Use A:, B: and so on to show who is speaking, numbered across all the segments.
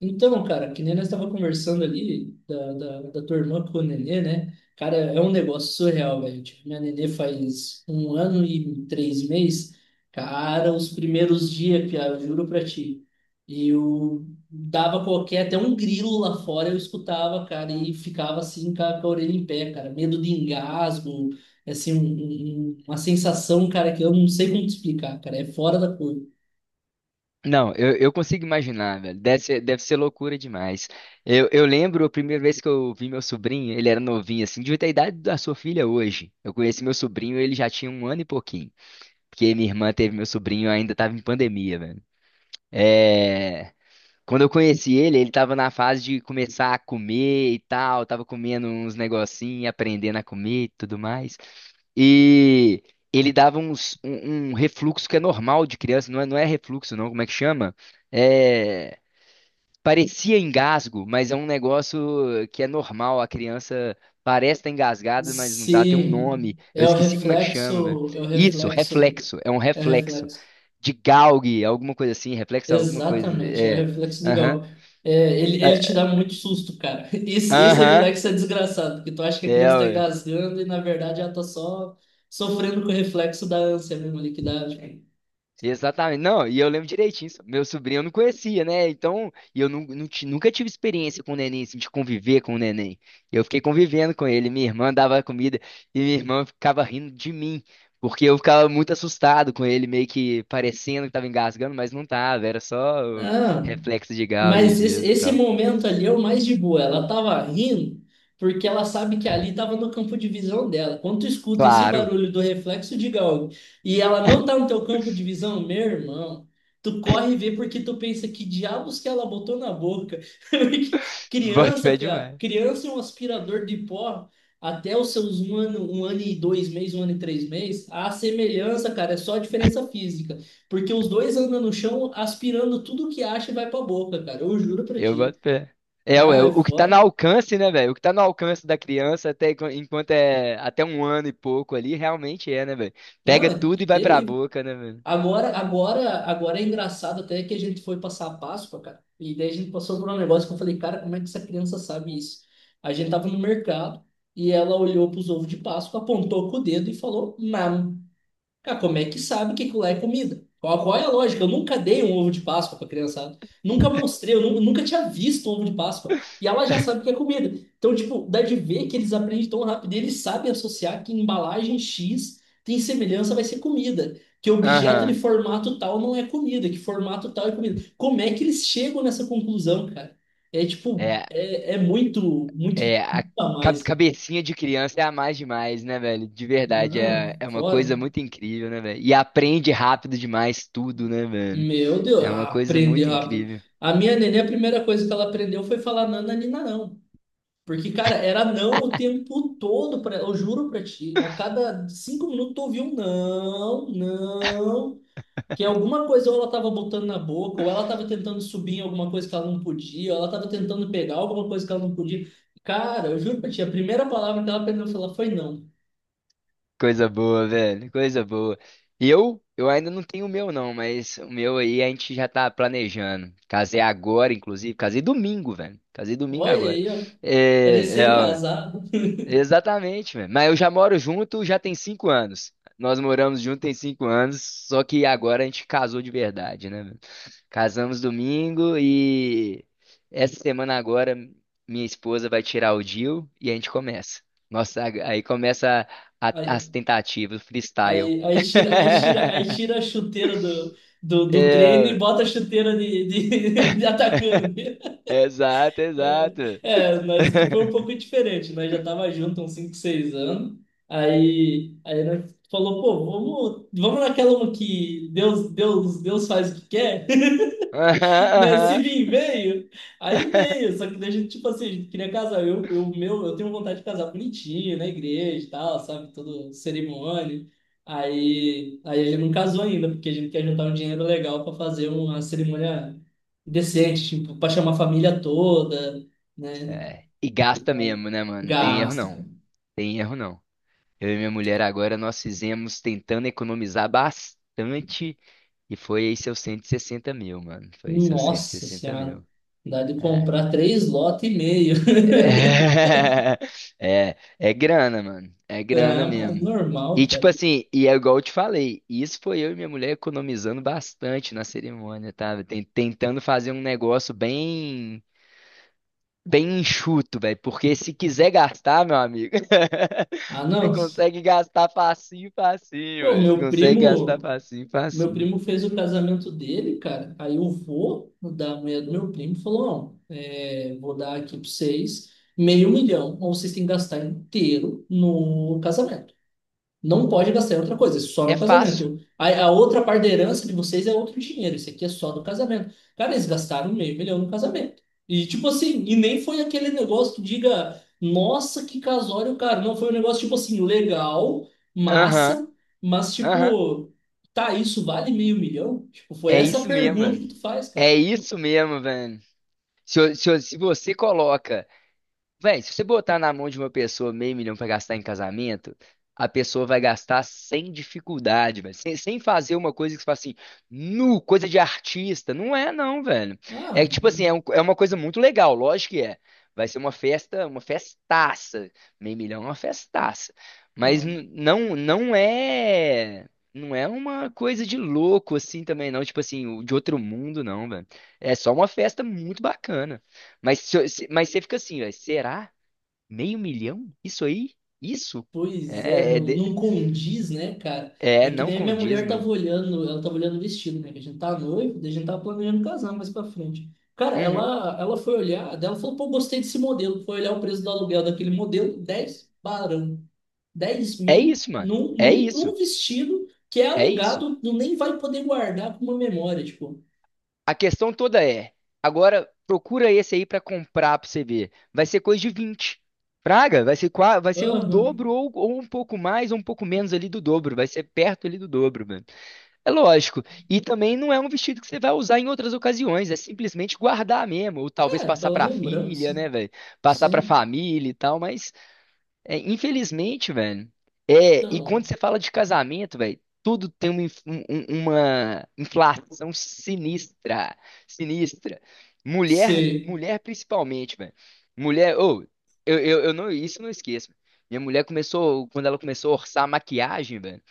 A: Então, cara, que nem nós estava conversando ali da tua irmã com o Nenê, né? Cara, é um negócio surreal, velho. Tipo, minha Nenê faz um ano e 3 meses. Cara, os primeiros dias, Pia, eu juro pra ti. Eu dava qualquer, até um grilo lá fora eu escutava, cara, e ficava assim com a orelha em pé, cara. Medo de engasgo, assim, uma sensação, cara, que eu não sei como te explicar, cara. É fora da cor.
B: Não, eu consigo imaginar, velho. Deve ser loucura demais. Eu lembro a primeira vez que eu vi meu sobrinho, ele era novinho, assim, devia ter a idade da sua filha hoje. Eu conheci meu sobrinho, ele já tinha um ano e pouquinho. Porque minha irmã teve meu sobrinho, ainda tava em pandemia, velho. É. Quando eu conheci ele tava na fase de começar a comer e tal, tava comendo uns negocinhos, aprendendo a comer e tudo mais. E ele dava um refluxo que é normal de criança, não é, não é refluxo, não, como é que chama? É, parecia engasgo, mas é um negócio que é normal, a criança parece estar engasgada, mas não tá, tem um
A: Sim,
B: nome, eu
A: é o
B: esqueci como é que chama, velho.
A: reflexo, é o
B: Isso,
A: reflexo,
B: reflexo, é um
A: é o
B: reflexo
A: reflexo.
B: de Gauge, alguma coisa assim, reflexo alguma coisa,
A: Exatamente, é o
B: é,
A: reflexo de
B: aham.
A: Galgo. É, ele te
B: É,
A: dá muito susto, cara. Esse
B: aham,
A: reflexo é desgraçado, porque tu acha que a
B: é,
A: criança tá
B: ué.
A: engasgando e na verdade ela tá só sofrendo com o reflexo da ânsia mesmo ali que dá, tipo.
B: Exatamente. Não, e eu lembro direitinho isso. Meu sobrinho eu não conhecia, né? Então, e eu nunca tive experiência com o neném, assim, de conviver com o neném. Eu fiquei convivendo com ele. Minha irmã dava comida e minha irmã ficava rindo de mim, porque eu ficava muito assustado com ele, meio que parecendo que tava engasgando, mas não tava. Era só o
A: Ah,
B: reflexo de Gauguin
A: mas esse,
B: mesmo e
A: esse
B: tal.
A: momento ali é o mais de boa. Ela tava rindo porque ela sabe que ali tava no campo de visão dela. Quando tu escuta esse
B: Claro,
A: barulho do reflexo de galga e ela não tá no teu campo de visão, meu irmão, tu corre e vê porque tu pensa que diabos que ela botou na boca. Porque
B: bota
A: criança,
B: fé
A: piá,
B: demais.
A: criança é um aspirador de pó até os seus um ano e 2 meses, um ano e 3 meses. A semelhança, cara, é só a diferença física. Porque os dois andam no chão aspirando tudo que acha e vai pra boca, cara. Eu juro pra
B: Eu
A: ti.
B: boto pé. É,
A: Não,
B: ué,
A: é
B: o que tá no
A: foda.
B: alcance, né, velho? O que tá no alcance da criança até enquanto é até um ano e pouco ali, realmente é, né, velho?
A: Não,
B: Pega
A: é
B: tudo e vai pra
A: terrível.
B: boca, né, velho?
A: Agora é engraçado até que a gente foi passar a Páscoa, cara. E daí a gente passou por um negócio que eu falei, cara, como é que essa criança sabe isso? A gente tava no mercado e ela olhou pros ovos de Páscoa, apontou com o dedo e falou, mam. Cara, como é que sabe que aquilo lá é comida? Qual é a lógica? Eu nunca dei um ovo de Páscoa pra criançada. Nunca mostrei, nunca tinha visto um ovo de Páscoa. E ela já sabe que é comida. Então, tipo, dá de ver que eles aprendem tão rápido. E eles sabem associar que embalagem X tem semelhança, vai ser comida. Que objeto de
B: Aham.
A: formato tal não é comida, que formato tal é comida. Como é que eles chegam nessa conclusão, cara? É tipo,
B: É,
A: é muito, muito,
B: é, a
A: muito a
B: ca-
A: mais.
B: cabecinha de criança é a mais demais, né, velho? De verdade,
A: Não,
B: é uma coisa
A: fora.
B: muito incrível, né, velho? E aprende rápido demais tudo, né, velho?
A: Meu Deus,
B: É uma coisa
A: aprender
B: muito
A: rápido.
B: incrível.
A: A minha neném, a primeira coisa que ela aprendeu foi falar nana, nina, não. Porque, cara, era não o tempo todo, pra, ela, eu juro pra ti. A cada 5 minutos tu ouvia um não, não. Que alguma coisa ou ela tava botando na boca, ou ela tava tentando subir em alguma coisa que ela não podia, ou ela tava tentando pegar alguma coisa que ela não podia. Cara, eu juro pra ti, a primeira palavra que ela aprendeu a falar foi não.
B: Coisa boa, velho. Coisa boa. E eu ainda não tenho o meu, não, mas o meu aí a gente já tá planejando. Casei agora, inclusive. Casei domingo, velho. Casei domingo
A: Olha
B: agora.
A: aí, ó,
B: É, é, ó,
A: recém-casado.
B: exatamente, velho. Mas eu já moro junto já tem 5 anos. Nós moramos junto tem 5 anos, só que agora a gente casou de verdade, né? Casamos domingo e essa semana agora minha esposa vai tirar o DIU e a gente começa. Nossa, aí começa as tentativas, o freestyle.
A: Aí, aí tira, aí tira, aí tira a chuteira do treino e
B: É,
A: bota a chuteira de atacante.
B: exato,
A: É,
B: exato.
A: é, mas que foi um pouco diferente, nós já tava junto há uns 5 6 anos. Aí nós falou, pô, vamos, vamos naquela que Deus, Deus, Deus faz o que quer.
B: Aham,
A: Né? Se
B: aham.
A: vir, veio. Aí veio. Só que daí a gente, tipo assim, a gente queria casar. Eu tenho vontade de casar bonitinho, na igreja e tal, sabe? Todo cerimônia. Aí a gente não casou ainda, porque a gente quer juntar um dinheiro legal para fazer uma cerimônia decente, tipo, para chamar a família toda, né?
B: É, e gasta mesmo, né, mano? Tem erro
A: Gasto,
B: não.
A: cara.
B: Tem erro não. Eu e minha mulher agora nós fizemos tentando economizar bastante e foi aí seus 160 mil, mano. Foi aí seus cento e
A: Nossa
B: sessenta
A: Senhora.
B: mil.
A: Dá de
B: É.
A: comprar três lotes e meio.
B: É, é grana, mano. É grana
A: Ah, mas
B: mesmo. E
A: normal,
B: tipo
A: cara.
B: assim, e é igual eu te falei, isso foi eu e minha mulher economizando bastante na cerimônia, tá? Tentando fazer um negócio bem enxuto, velho, porque se quiser gastar, meu amigo,
A: Ah,
B: você
A: não.
B: consegue gastar facinho, facinho,
A: Pô,
B: velho. Você
A: meu
B: consegue gastar
A: primo.
B: facinho,
A: Meu
B: facinho.
A: primo fez o casamento dele, cara. Aí o vô da mulher do meu primo falou: não, é, vou dar aqui pra vocês meio milhão, ou vocês têm que gastar inteiro no casamento. Não pode gastar em outra coisa, é só
B: É
A: no
B: fácil.
A: casamento. A outra parte da herança de vocês é outro dinheiro, isso aqui é só do casamento. Cara, eles gastaram meio milhão no casamento. E tipo assim, e nem foi aquele negócio que diga, nossa, que casório, cara. Não, foi um negócio tipo assim, legal,
B: Aham,
A: massa, mas
B: aham.
A: tipo, tá, isso vale meio milhão? Tipo, foi
B: É
A: essa a
B: isso mesmo,
A: pergunta
B: velho.
A: que tu faz, cara.
B: É isso mesmo, velho. Se, eu- se, eu- se você coloca Véi, se você botar na mão de uma pessoa meio milhão pra gastar em casamento, a pessoa vai gastar sem dificuldade, velho. Sem fazer uma coisa que você fala assim, nu, coisa de artista. Não é, não, velho.
A: Ah,
B: É tipo assim, é uma coisa muito legal, lógico que é. Vai ser uma festa, uma festaça. Meio milhão é uma festaça. Mas
A: então.
B: não, não é. Não é uma coisa de louco assim também, não. Tipo assim, de outro mundo, não, velho. É só uma festa muito bacana. Mas, se eu- se- mas você fica assim, velho, será? Meio milhão? Isso aí? Isso?
A: Pois é,
B: É, é,
A: não,
B: de-
A: não condiz, né, cara?
B: é,
A: É que
B: não
A: nem a minha
B: condiz,
A: mulher tava
B: mano.
A: olhando, ela tava olhando o vestido, né? Que a gente tá noivo, daí a gente tava planejando casar mais pra frente. Cara,
B: Uhum.
A: ela foi olhar, daí ela falou, pô, gostei desse modelo. Foi olhar o preço do aluguel daquele modelo, 10 barão, dez
B: É
A: mil
B: isso, mano.
A: num,
B: É
A: num, num
B: isso.
A: vestido que é
B: É isso.
A: alugado, tu nem vai poder guardar com uma memória, tipo.
B: A questão toda é, agora procura esse aí pra comprar pra você ver. Vai ser coisa de 20 Praga, vai ser, vai ser o
A: Aham,
B: dobro ou, um pouco mais ou um pouco menos ali do dobro. Vai ser perto ali do dobro, mano. É lógico. E também não é um vestido que você vai usar em outras ocasiões, é simplesmente guardar mesmo, ou talvez
A: é,
B: passar
A: pela
B: pra
A: lembrança.
B: filha, né, velho? Passar pra
A: Sim.
B: família e tal, mas é, infelizmente, velho. É, e
A: Então,
B: quando você fala de casamento, velho, tudo tem uma inflação sinistra, sinistra. Mulher,
A: sei.
B: mulher principalmente, velho. Mulher, ô, eu não, isso eu não esqueço. Minha mulher começou, quando ela começou a orçar a maquiagem, velho.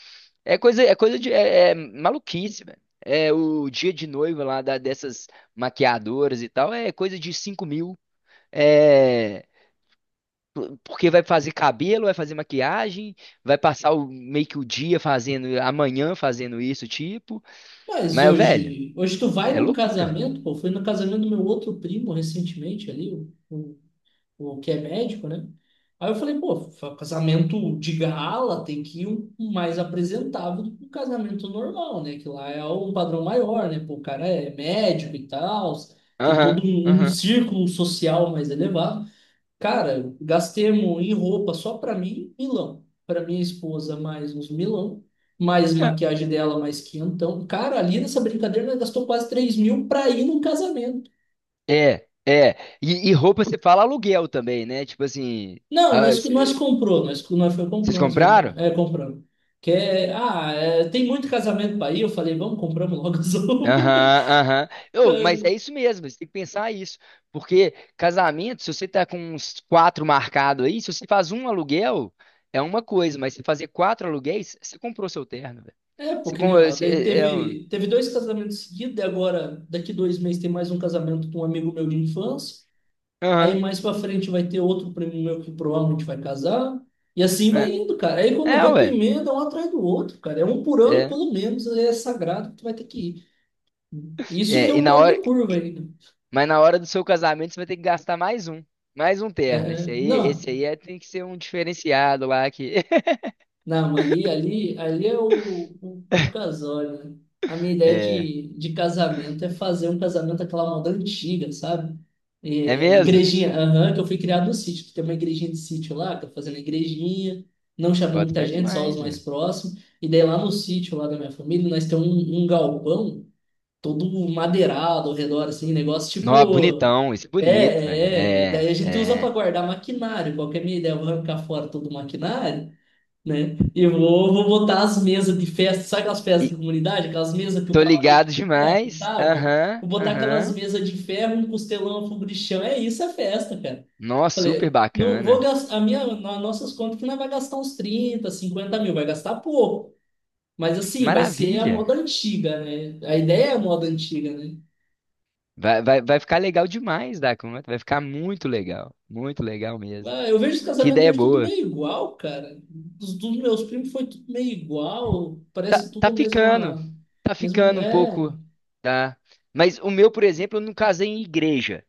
B: É maluquice, velho. É o dia de noiva lá dessas maquiadoras e tal, é coisa de 5 mil. É, porque vai fazer cabelo, vai fazer maquiagem, vai passar o, meio que o dia fazendo, amanhã fazendo isso, tipo.
A: Mas
B: Mas, velho,
A: hoje tu vai
B: é
A: num
B: loucura.
A: casamento, pô, fui no casamento do meu outro primo recentemente ali, o que é médico, né? Aí eu falei, pô, casamento de gala tem que ir um mais apresentável do que um casamento normal, né? Que lá é um padrão maior, né? Pô, o cara é médico e tal, tem
B: Aham,
A: todo um
B: aham.
A: círculo social mais elevado. Cara, gastemos em roupa só pra mim, milão. Pra minha esposa, mais uns milão. Mais
B: Não,
A: maquiagem dela, mais quinhentão. Cara, ali nessa brincadeira, nós gastou quase 3 mil pra ir no casamento.
B: é, é. E roupa você fala aluguel também, né? Tipo assim,
A: Não,
B: ah,
A: nós,
B: c-
A: nós comprou. Nós foi
B: vocês
A: comprou umas roupas,
B: compraram?
A: né? É, compramos. Que é, ah, é, tem muito casamento pra ir. Eu falei, vamos, compramos logo as roupas.
B: Aham, aham. Mas é isso mesmo, você tem que pensar isso. Porque casamento, se você tá com uns quatro marcados aí, se você faz um aluguel, é uma coisa, mas se fazer quatro aluguéis, você comprou seu terno, velho.
A: É,
B: Você,
A: porque
B: com-
A: nem, ó,
B: você-
A: daí
B: é, é, um-
A: teve dois casamentos seguidos. E agora, daqui 2 meses, tem mais um casamento com um amigo meu de infância. Aí
B: aham,
A: mais pra frente vai ter outro primo meu que provavelmente vai casar. E assim vai
B: é,
A: indo, cara. Aí quando
B: é,
A: vê, tu
B: ué.
A: emenda um atrás do outro, cara. É um por ano,
B: É,
A: pelo menos, é sagrado que tu vai ter que ir. Isso que
B: e
A: eu
B: na hora,
A: corto curva ainda.
B: mas na hora do seu casamento, você vai ter que gastar mais um, terno.
A: É, não.
B: Esse aí é, tem que ser um diferenciado lá que.
A: Não, ali é o casório, né? A minha ideia
B: É,
A: de casamento é fazer um casamento aquela moda antiga, sabe?
B: é
A: É,
B: mesmo?
A: igrejinha, aham, que eu fui criado no sítio, que tem uma igrejinha de sítio lá, tô fazendo a igrejinha, não chamou
B: Bota
A: muita
B: fé
A: gente, só os
B: demais,
A: mais
B: né?
A: próximos. E daí lá no sítio, lá da minha família, nós temos um galpão todo madeirado ao redor, assim, negócio
B: Nó,
A: tipo.
B: bonitão, isso é
A: É,
B: bonito, velho.
A: é, é. Daí
B: É,
A: a gente usa para
B: é.
A: guardar maquinário, qualquer minha ideia, eu vou arrancar fora todo o maquinário, né? E vou botar as mesas de festa, sabe aquelas festas
B: E
A: de comunidade? Aquelas mesas que o
B: tô
A: cavalete
B: ligado
A: de ferro e
B: demais.
A: tal, Vou
B: Aham,
A: vou botar aquelas
B: aham.
A: mesas de ferro, um costelão, um fogo de chão. É isso, é festa, cara.
B: Nó, super
A: Falei, não vou
B: bacana.
A: gastar, a minha, nas nossas contas que não é vai gastar uns 30, 50 mil, vai gastar pouco. Mas assim, vai ser a moda
B: Maravilha.
A: antiga, né? A ideia é a moda antiga, né?
B: Vai ficar legal demais da conta. Vai ficar muito legal. Muito legal mesmo.
A: Ah, eu vejo os
B: Que
A: casamentos
B: ideia
A: hoje tudo
B: boa.
A: meio igual, cara. Dos meus primos foi tudo meio igual,
B: Tá,
A: parece tudo
B: tá
A: a
B: ficando.
A: mesma,
B: Tá
A: mesmo,
B: ficando um
A: é,
B: pouco. Tá. Mas o meu, por exemplo, eu não casei em igreja.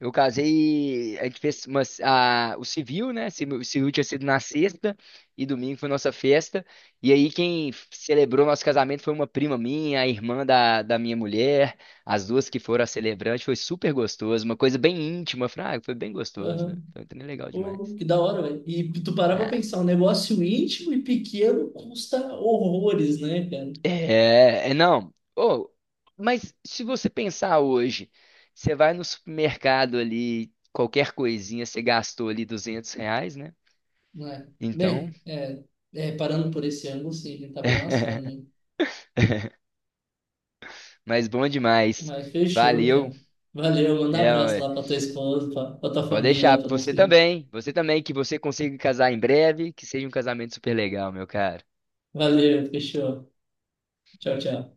B: Eu casei, a gente fez o civil, né? O civil tinha sido na sexta e domingo foi nossa festa. E aí quem celebrou nosso casamento foi uma prima minha, a irmã da minha mulher, as duas que foram a celebrante. Foi super gostoso, uma coisa bem íntima, fraga, foi bem gostoso, né?
A: aham.
B: Foi também legal
A: Pô,
B: demais.
A: que da hora, velho. E tu parar pra
B: Ah,
A: pensar, um negócio íntimo e pequeno custa horrores, né, cara?
B: é não. Oh, mas se você pensar hoje, você vai no supermercado ali, qualquer coisinha, você gastou ali R$ 200, né?
A: Não é?
B: Então...
A: Bem, parando por esse ângulo, sim, a gente tá bem lascado, né?
B: Mas bom demais.
A: Mas fechou,
B: Valeu.
A: cara. Valeu, manda um
B: É,
A: abraço
B: ué.
A: lá pra tua esposa, pra tua
B: Pode
A: família,
B: deixar.
A: pra teus
B: Você
A: primos.
B: também. Você também, que você consiga casar em breve, que seja um casamento super legal, meu caro.
A: Valeu, fechou. Tchau, tchau.